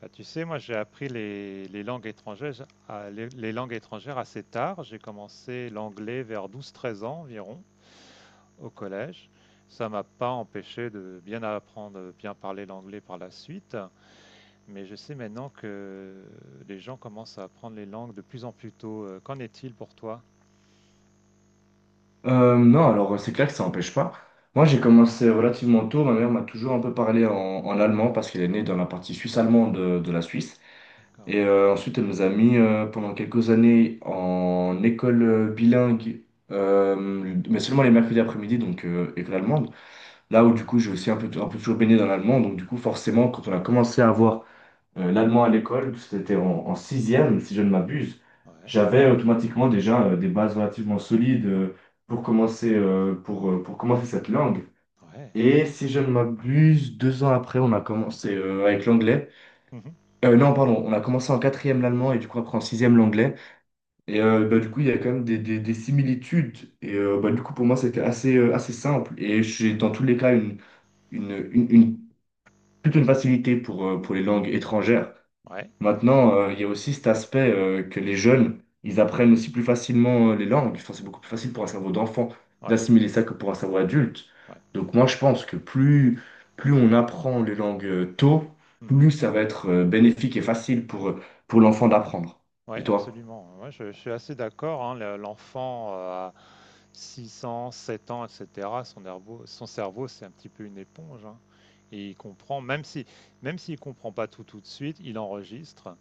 Bah, tu sais, moi j'ai appris les langues étrangères, les langues étrangères assez tard. J'ai commencé l'anglais vers 12 13 ans environ au collège. Ça m'a pas empêché de bien apprendre, bien parler l'anglais par la suite. Mais je sais maintenant que les gens commencent à apprendre les langues de plus en plus tôt. Qu'en est-il pour toi? Non, alors c'est clair que ça n'empêche pas. Moi, j'ai commencé relativement tôt. Ma mère m'a toujours un peu parlé en allemand parce qu'elle est née dans la partie suisse-allemande de la Suisse. D'accord. Et ensuite, elle nous a mis pendant quelques années en école bilingue, mais seulement les mercredis après-midi, donc école allemande. Là où du coup, j'ai aussi un peu toujours baigné dans l'allemand. Donc du coup, forcément, quand on a commencé à avoir l'un de moi à l'école, c'était en sixième, si je ne m'abuse, Ouais, j'avais automatiquement déjà des bases relativement solides pour commencer, pour commencer cette langue. ouais. Et si je ne m'abuse, deux ans après, on a commencé avec l'anglais. Mhm. Non, pardon, on a commencé en quatrième l'allemand et du coup après en sixième l'anglais. Et du coup, il y a quand même des similitudes. Et du coup, pour moi, c'était assez simple. Et j'ai dans tous les cas une, une, une- plutôt une facilité pour les langues étrangères. Ouais, Maintenant, il y a aussi cet aspect que les jeunes, ils apprennent aussi plus facilement les langues. Enfin, c'est beaucoup plus ouais, facile pour un cerveau d'enfant ouais. d'assimiler ça que pour un cerveau adulte. Ouais. Donc moi, je pense que plus on apprend les langues tôt, Mhm. plus ça va être bénéfique et facile pour l'enfant d'apprendre. Oui, Et toi? absolument. Moi, je suis assez d'accord, hein, l'enfant à 6 ans, 7 ans, etc., son cerveau, c'est un petit peu une éponge, hein. Et il comprend, même s'il comprend pas tout tout de suite, il enregistre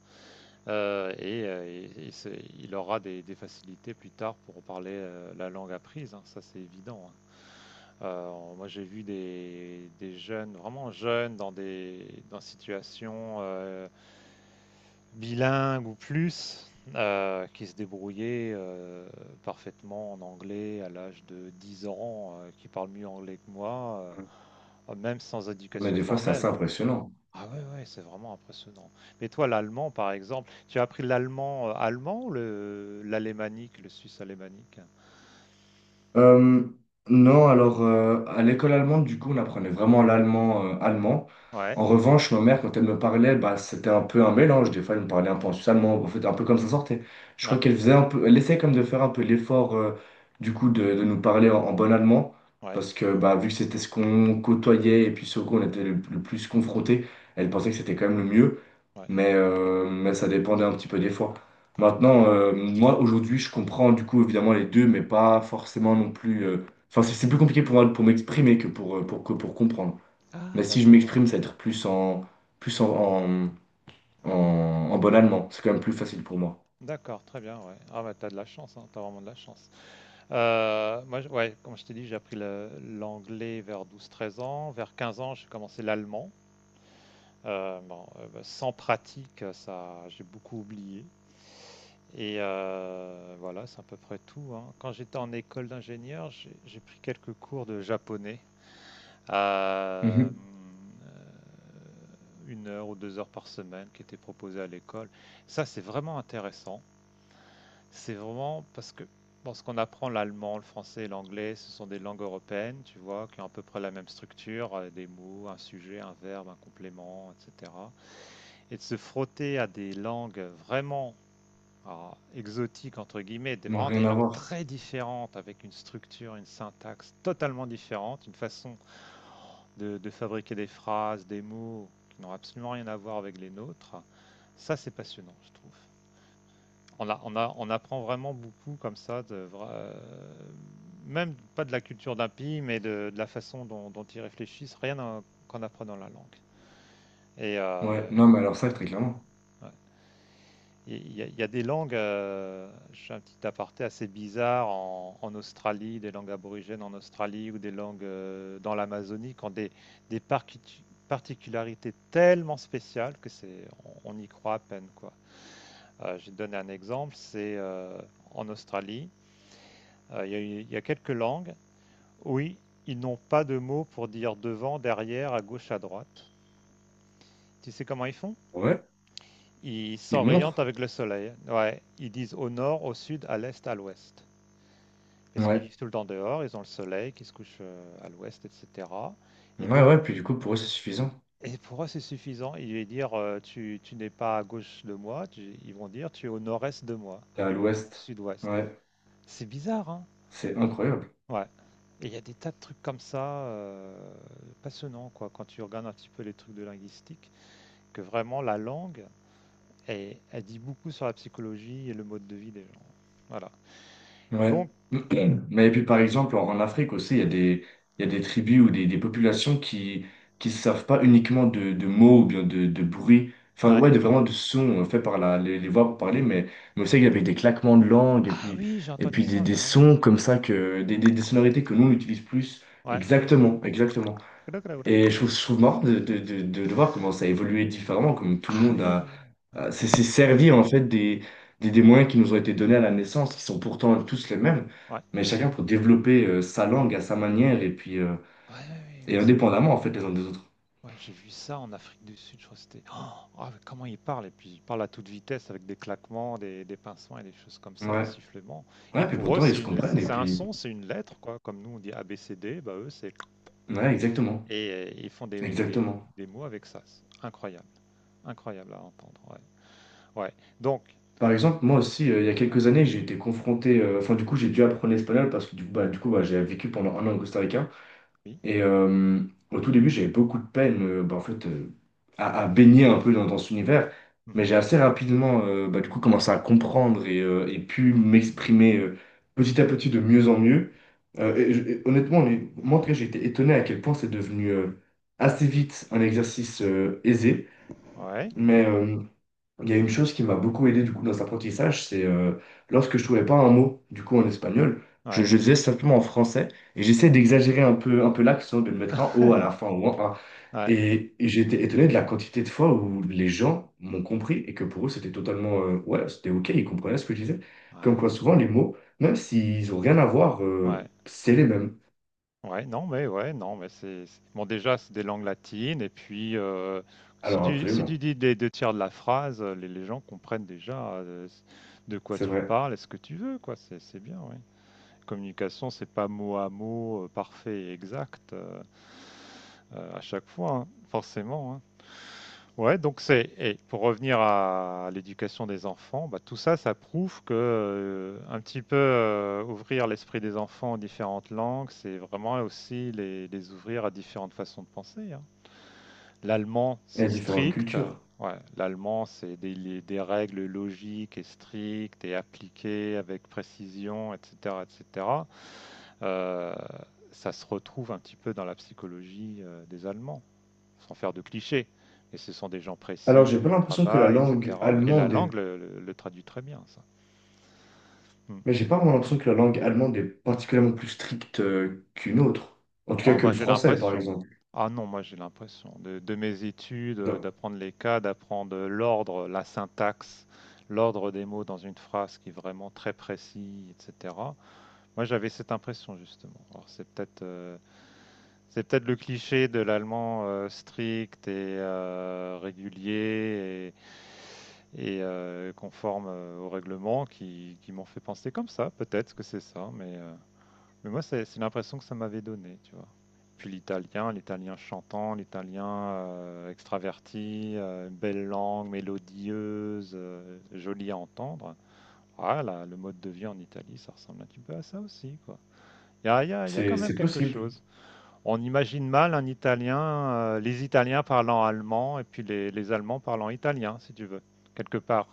et il aura des facilités plus tard pour parler la langue apprise, hein. Ça, c'est évident, hein. Euh, Moi, j'ai vu des jeunes, vraiment jeunes, dans des dans situations, bilingues ou plus qui se débrouillaient parfaitement en anglais à l'âge de 10 ans, qui parlent mieux anglais que moi, même sans Mais éducation des fois, c'est formelle, assez hein. impressionnant. Ah, ouais, ouais, c'est vraiment impressionnant. Mais toi, l'allemand, par exemple, tu as appris l'allemand allemand ou l'alémanique, le suisse alémanique? Euh, non, alors à l'école allemande, du coup, on apprenait vraiment l'allemand allemand. Ouais, En revanche, ma mère, quand elle me parlait, bah, c'était un peu un mélange. Des fois, elle me parlait un peu en suisse allemand, en fait, un peu comme ça sortait. Je crois ouais, qu'elle faisait un peu, elle essayait comme de faire un peu l'effort, du coup, de nous parler en bon allemand, ouais, parce que bah, vu que c'était ce qu'on côtoyait et puis ce qu'on était le plus confronté, elle pensait que c'était quand même le mieux ouais, mais ça dépendait un petit peu des fois. ouais. Maintenant, moi aujourd'hui, je comprends du coup évidemment les deux, mais pas forcément non plus. Enfin, c'est plus compliqué pour moi pour m'exprimer que que pour comprendre. Mais Ah, si je d'accord, ouais. m'exprime, ça va être plus en, plus en, en, en, en bon allemand. C'est quand même plus facile pour moi. D'accord, très bien, ouais. Ah, bah, t'as de la chance, hein, t'as vraiment de la chance. Moi, ouais, comme je t'ai dit, j'ai appris l'anglais vers 12, 13 ans. Vers 15 ans, j'ai commencé l'allemand. Bon, bah, sans pratique, ça, j'ai beaucoup oublié. Et voilà, c'est à peu près tout, hein. Quand j'étais en école d'ingénieur, j'ai pris quelques cours de japonais. Euh, Mhm. 1 heure ou 2 heures par semaine qui étaient proposés à l'école. Ça, c'est vraiment intéressant. C'est vraiment parce que bon, ce qu'on apprend, l'allemand, le français et l'anglais, ce sont des langues européennes, tu vois, qui ont à peu près la même structure, des mots, un sujet, un verbe, un complément, etc. Et de se frotter à des langues vraiment alors, exotiques, entre guillemets, Ils n'ont vraiment rien des à langues voir. très différentes, avec une structure, une syntaxe totalement différente, une façon de fabriquer des phrases, des mots qui n'ont absolument rien à voir avec les nôtres, ça, c'est passionnant, je trouve. On apprend vraiment beaucoup comme ça, même pas de la culture d'un pays, mais de la façon dont ils réfléchissent, rien qu'en apprenant la langue. Et Ouais, non, mais alors ça, ouais, très clairement. ouais. Il y a des langues, je un petit aparté assez bizarre, en Australie, des langues aborigènes en Australie ou des langues dans l'Amazonie qui ont des particularités tellement spéciales que on y croit à peine, quoi. Je vais te donner un exemple, c'est en Australie. Il y a quelques langues. Oui, ils n'ont pas de mots pour dire devant, derrière, à gauche, à droite. Tu sais comment ils font? Ouais, Ils ils s'orientent montrent. avec le soleil. Ouais, ils disent au nord, au sud, à l'est, à l'ouest. Parce qu'ils Ouais. vivent tout le temps dehors, ils ont le soleil qui se couche à l'ouest, etc. Et Ouais, donc, ouais, puis du coup, pour eux, c'est suffisant. et pour eux, c'est suffisant. Ils vont dire, tu n'es pas à gauche de moi. Ils vont dire, tu es au nord-est de moi, T'es à au l'ouest. sud-ouest. Ouais, C'est bizarre, hein? c'est incroyable. Ouais. Et il y a des tas de trucs comme ça, passionnants, quoi, quand tu regardes un petit peu les trucs de linguistique, que vraiment la langue, elle dit beaucoup sur la psychologie et le mode de vie des gens. Voilà. Ouais. Donc Mais et puis par exemple, en Afrique aussi, il y a des tribus ou des populations qui ne savent pas uniquement de mots ou bien de bruit, enfin ouais. ouais, de vraiment de sons faits par les voix pour parler, mais aussi avec des claquements de langue Ah oui, j'ai et entendu puis ça des ouais sons comme ça, des sonorités que nous on utilise plus. Ouais. Exactement, exactement. Et je trouve marrant de voir comment ça a évolué différemment, comme tout le Ah monde oui, oui, ouais. S'est servi en fait des moyens qui nous ont été donnés à la naissance, qui sont pourtant tous les mêmes, Ouais. mais chacun pour développer sa langue à sa manière et puis Ouais, ouais, oui, et oui, indépendamment en fait les uns des autres. Ouais, j'ai vu ça en Afrique du Sud, je crois que c'était Oh, ah, mais comment il parle et puis il parle à toute vitesse avec des claquements, des pincements et des choses comme ça, des Ouais, sifflements. Et ouais, puis pour eux, pourtant ils c'est se une, comprennent et c'est un puis son, c'est une lettre quoi. Comme nous on dit ABCD, bah eux c'est ouais, exactement, et ils font exactement. des mots avec ça. C'est incroyable, incroyable à entendre. Ouais. Ouais. Donc Par exemple, moi aussi, il y a quelques années, j'ai été confronté, enfin du coup j'ai dû apprendre l'espagnol parce que du coup bah, j'ai vécu pendant un an au Costa Rica. oui. Et au tout début, j'avais beaucoup de peine à baigner un peu dans cet univers. Mais Mhm. j'ai assez rapidement du coup, commencé à comprendre et pu m'exprimer petit à petit de mieux en mieux. Honnêtement, moi, en tout cas, j'ai été étonné à quel point c'est devenu assez vite un exercice aisé. Ouais. Mais, il y a une chose qui m'a beaucoup aidé du coup dans cet apprentissage, c'est lorsque je trouvais pas un mot du coup en espagnol, Ouais. je le disais simplement en français et j'essayais d'exagérer un peu l'accent, de le mettre un o à la fin ou un a. Ouais. Et j'ai été étonné de la quantité de fois où les gens m'ont compris et que pour eux c'était totalement ouais c'était ok, ils comprenaient ce que je disais. Comme Ouais. quoi souvent les mots, même s'ils ont rien à voir, Ouais. Ouais. C'est les mêmes. Ouais, non, mais bon. Déjà, c'est des langues latines, et puis si Alors tu, si tu absolument, dis des deux tiers de la phrase, les gens comprennent déjà de quoi c'est tu vrai. parles et ce que tu veux, quoi. C'est bien, oui. Communication, c'est pas mot à mot parfait et exact à chaque fois, hein, forcément, hein. Ouais, donc et pour revenir à l'éducation des enfants, bah, tout ça, ça prouve que un petit peu ouvrir l'esprit des enfants aux différentes langues, c'est vraiment aussi les ouvrir à différentes façons de penser, hein. L'allemand, Il y c'est a différentes strict. cultures. Ouais, l'allemand, c'est des règles logiques et strictes et appliquées avec précision, etc., etc. Euh, Ça se retrouve un petit peu dans la psychologie des Allemands sans faire de clichés. Et ce sont des gens Alors j'ai précis, pas au l'impression que la travail, langue etc. Et la langue allemande le traduit très bien, ça. Hmm. mais j'ai pas vraiment l'impression que la langue allemande est particulièrement plus stricte qu'une autre. En tout cas Oh, que moi le j'ai français, par l'impression. exemple. Ah non, moi j'ai l'impression de mes études, Donc, d'apprendre les cas, d'apprendre l'ordre, la syntaxe, l'ordre des mots dans une phrase qui est vraiment très précis, etc. Moi, j'avais cette impression justement. Alors, c'est peut-être le cliché de l'allemand strict et régulier et, et conforme au règlement qui m'ont fait penser comme ça. Peut-être que c'est ça, mais moi, c'est l'impression que ça m'avait donné, tu vois. Puis l'italien, l'italien chantant, l'italien extraverti, belle langue, mélodieuse, jolie à entendre. Ah là, le mode de vie en Italie, ça ressemble un petit peu à ça aussi, quoi. Il y a, il y a- il y a quand c'est même c'est quelque possible. chose. On imagine mal les Italiens parlant allemand et puis les Allemands parlant italien, si tu veux, quelque part.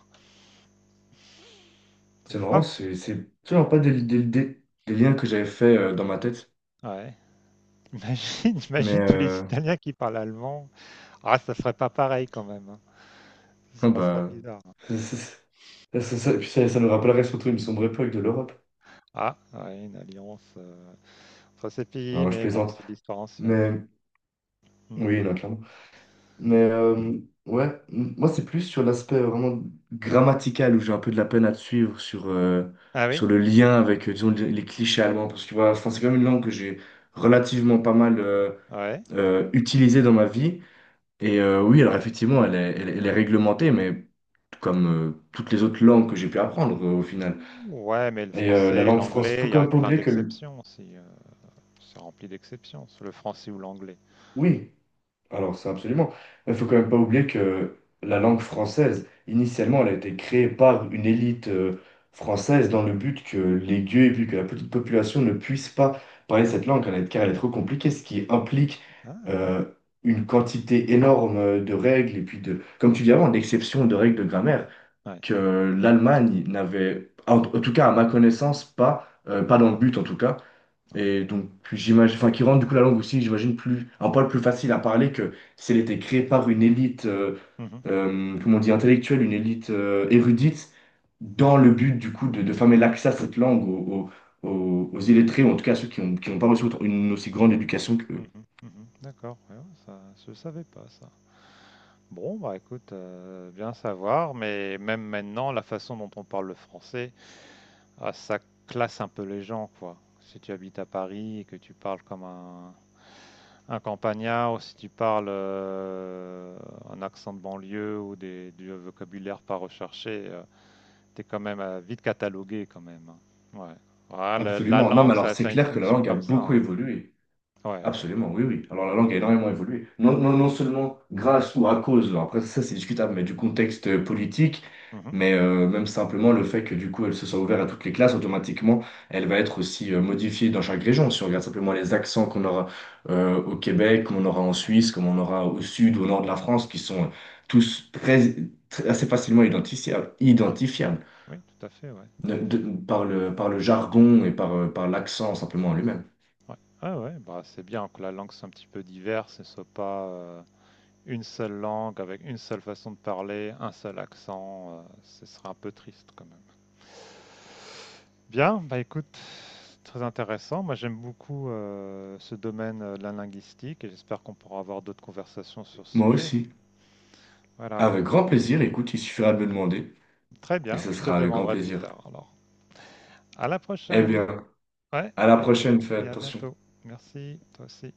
Tu C'est trouves marrant, pas? c'est toujours pas des liens que j'avais fait dans ma tête. Ouais. Imagine, Mais imagine tous les Italiens qui parlent allemand. Ah, ça serait pas pareil quand même, hein. Ça bon, serait bah. bizarre, hein. Ça, ça, Ça nous rappellerait surtout une sombre époque de l'Europe. Ah, ouais, une alliance entre ces pays, Non, je mais bon, plaisante. c'est de l'histoire ancienne. Mais Hmm. oui, non, clairement. Mais ouais, moi c'est plus sur l'aspect vraiment grammatical où j'ai un peu de la peine à te suivre sur, Ah oui? sur le lien avec, disons, les clichés allemands. Parce que voilà, enfin, c'est quand même une langue que j'ai relativement pas mal Ouais. Utilisée dans ma vie. Et oui, alors effectivement, elle est réglementée, mais comme toutes les autres langues que j'ai pu apprendre au final. Ouais, mais le Et la français, langue française, faut l'anglais, il y quand a même pas plein oublier que, d'exceptions aussi. C'est rempli d'exceptions, le français ou l'anglais. oui, alors, ça, absolument. Il faut quand même pas oublier que la langue française, initialement, elle a été créée par une élite française dans le but que les gueux et puis que la petite population ne puisse pas parler cette langue car elle est trop compliquée, ce qui implique Ah, ouais. euh, une quantité énorme de règles et puis de, comme tu dis avant, d'exceptions de règles de grammaire Ouais. que l'Allemagne n'avait, en tout cas à ma connaissance, pas, pas dans le but en tout cas. Ouais. Et donc, j'imagine, enfin, qui rendent du coup la langue aussi, j'imagine, plus, un poil plus facile à parler que si elle était créée par une élite, Mhm, comment on dit, intellectuelle, une élite érudite, dans le but du coup de fermer l'accès à cette langue aux illettrés, ou en tout cas à ceux qui n'ont pas reçu autant- une aussi grande éducation que mhm, mhm. D'accord, ouais, ouais, ça, je savais pas ça. Bon, bah écoute, bien savoir, mais même maintenant, la façon dont on parle le français, ah, ça classe un peu les gens, quoi. Si tu habites à Paris et que tu parles comme un campagnard, ou si tu parles un accent de banlieue ou du vocabulaire pas recherché, t'es quand même vite catalogué quand même, hein. Ouais. Voilà, la absolument. Non, mais langue, alors ça, c'est ça a une clair que la fonction langue a comme ça, beaucoup hein. évolué. Ouais, ouais, Absolument, oui, oui. Alors la mmh. langue a énormément évolué. Non seulement grâce ou à cause, alors après ça c'est discutable, mais du contexte politique, Mmh. mais même simplement le fait que du coup elle se soit ouverte à toutes les classes, automatiquement elle va être aussi modifiée dans chaque région. Si on regarde simplement les accents qu'on aura au Québec, qu'on aura en Ah oui. Suisse, qu'on aura au sud ou au nord de la France, qui sont tous assez facilement Ouais. identifiables Oui, tout à fait, ouais. Par par le jargon et par, par l'accent simplement en lui-même. Ouais. Ouais, ouais, bah, c'est bien que la langue soit un petit peu diverse et soit pas, une seule langue avec une seule façon de parler, un seul accent, ce serait un peu triste quand même. Bien, bah, écoute, c'est très intéressant. Moi, j'aime beaucoup, ce domaine, de la linguistique et j'espère qu'on pourra avoir d'autres conversations sur ce Moi sujet. aussi. Voilà. Avec grand plaisir, écoute, il suffira de me demander Très et bien, ce bah, je te sera le avec grand demanderai plus plaisir. tard alors. À la Eh prochaine. bien, Ouais à la et prochaine, fais à attention. bientôt. Merci, toi aussi.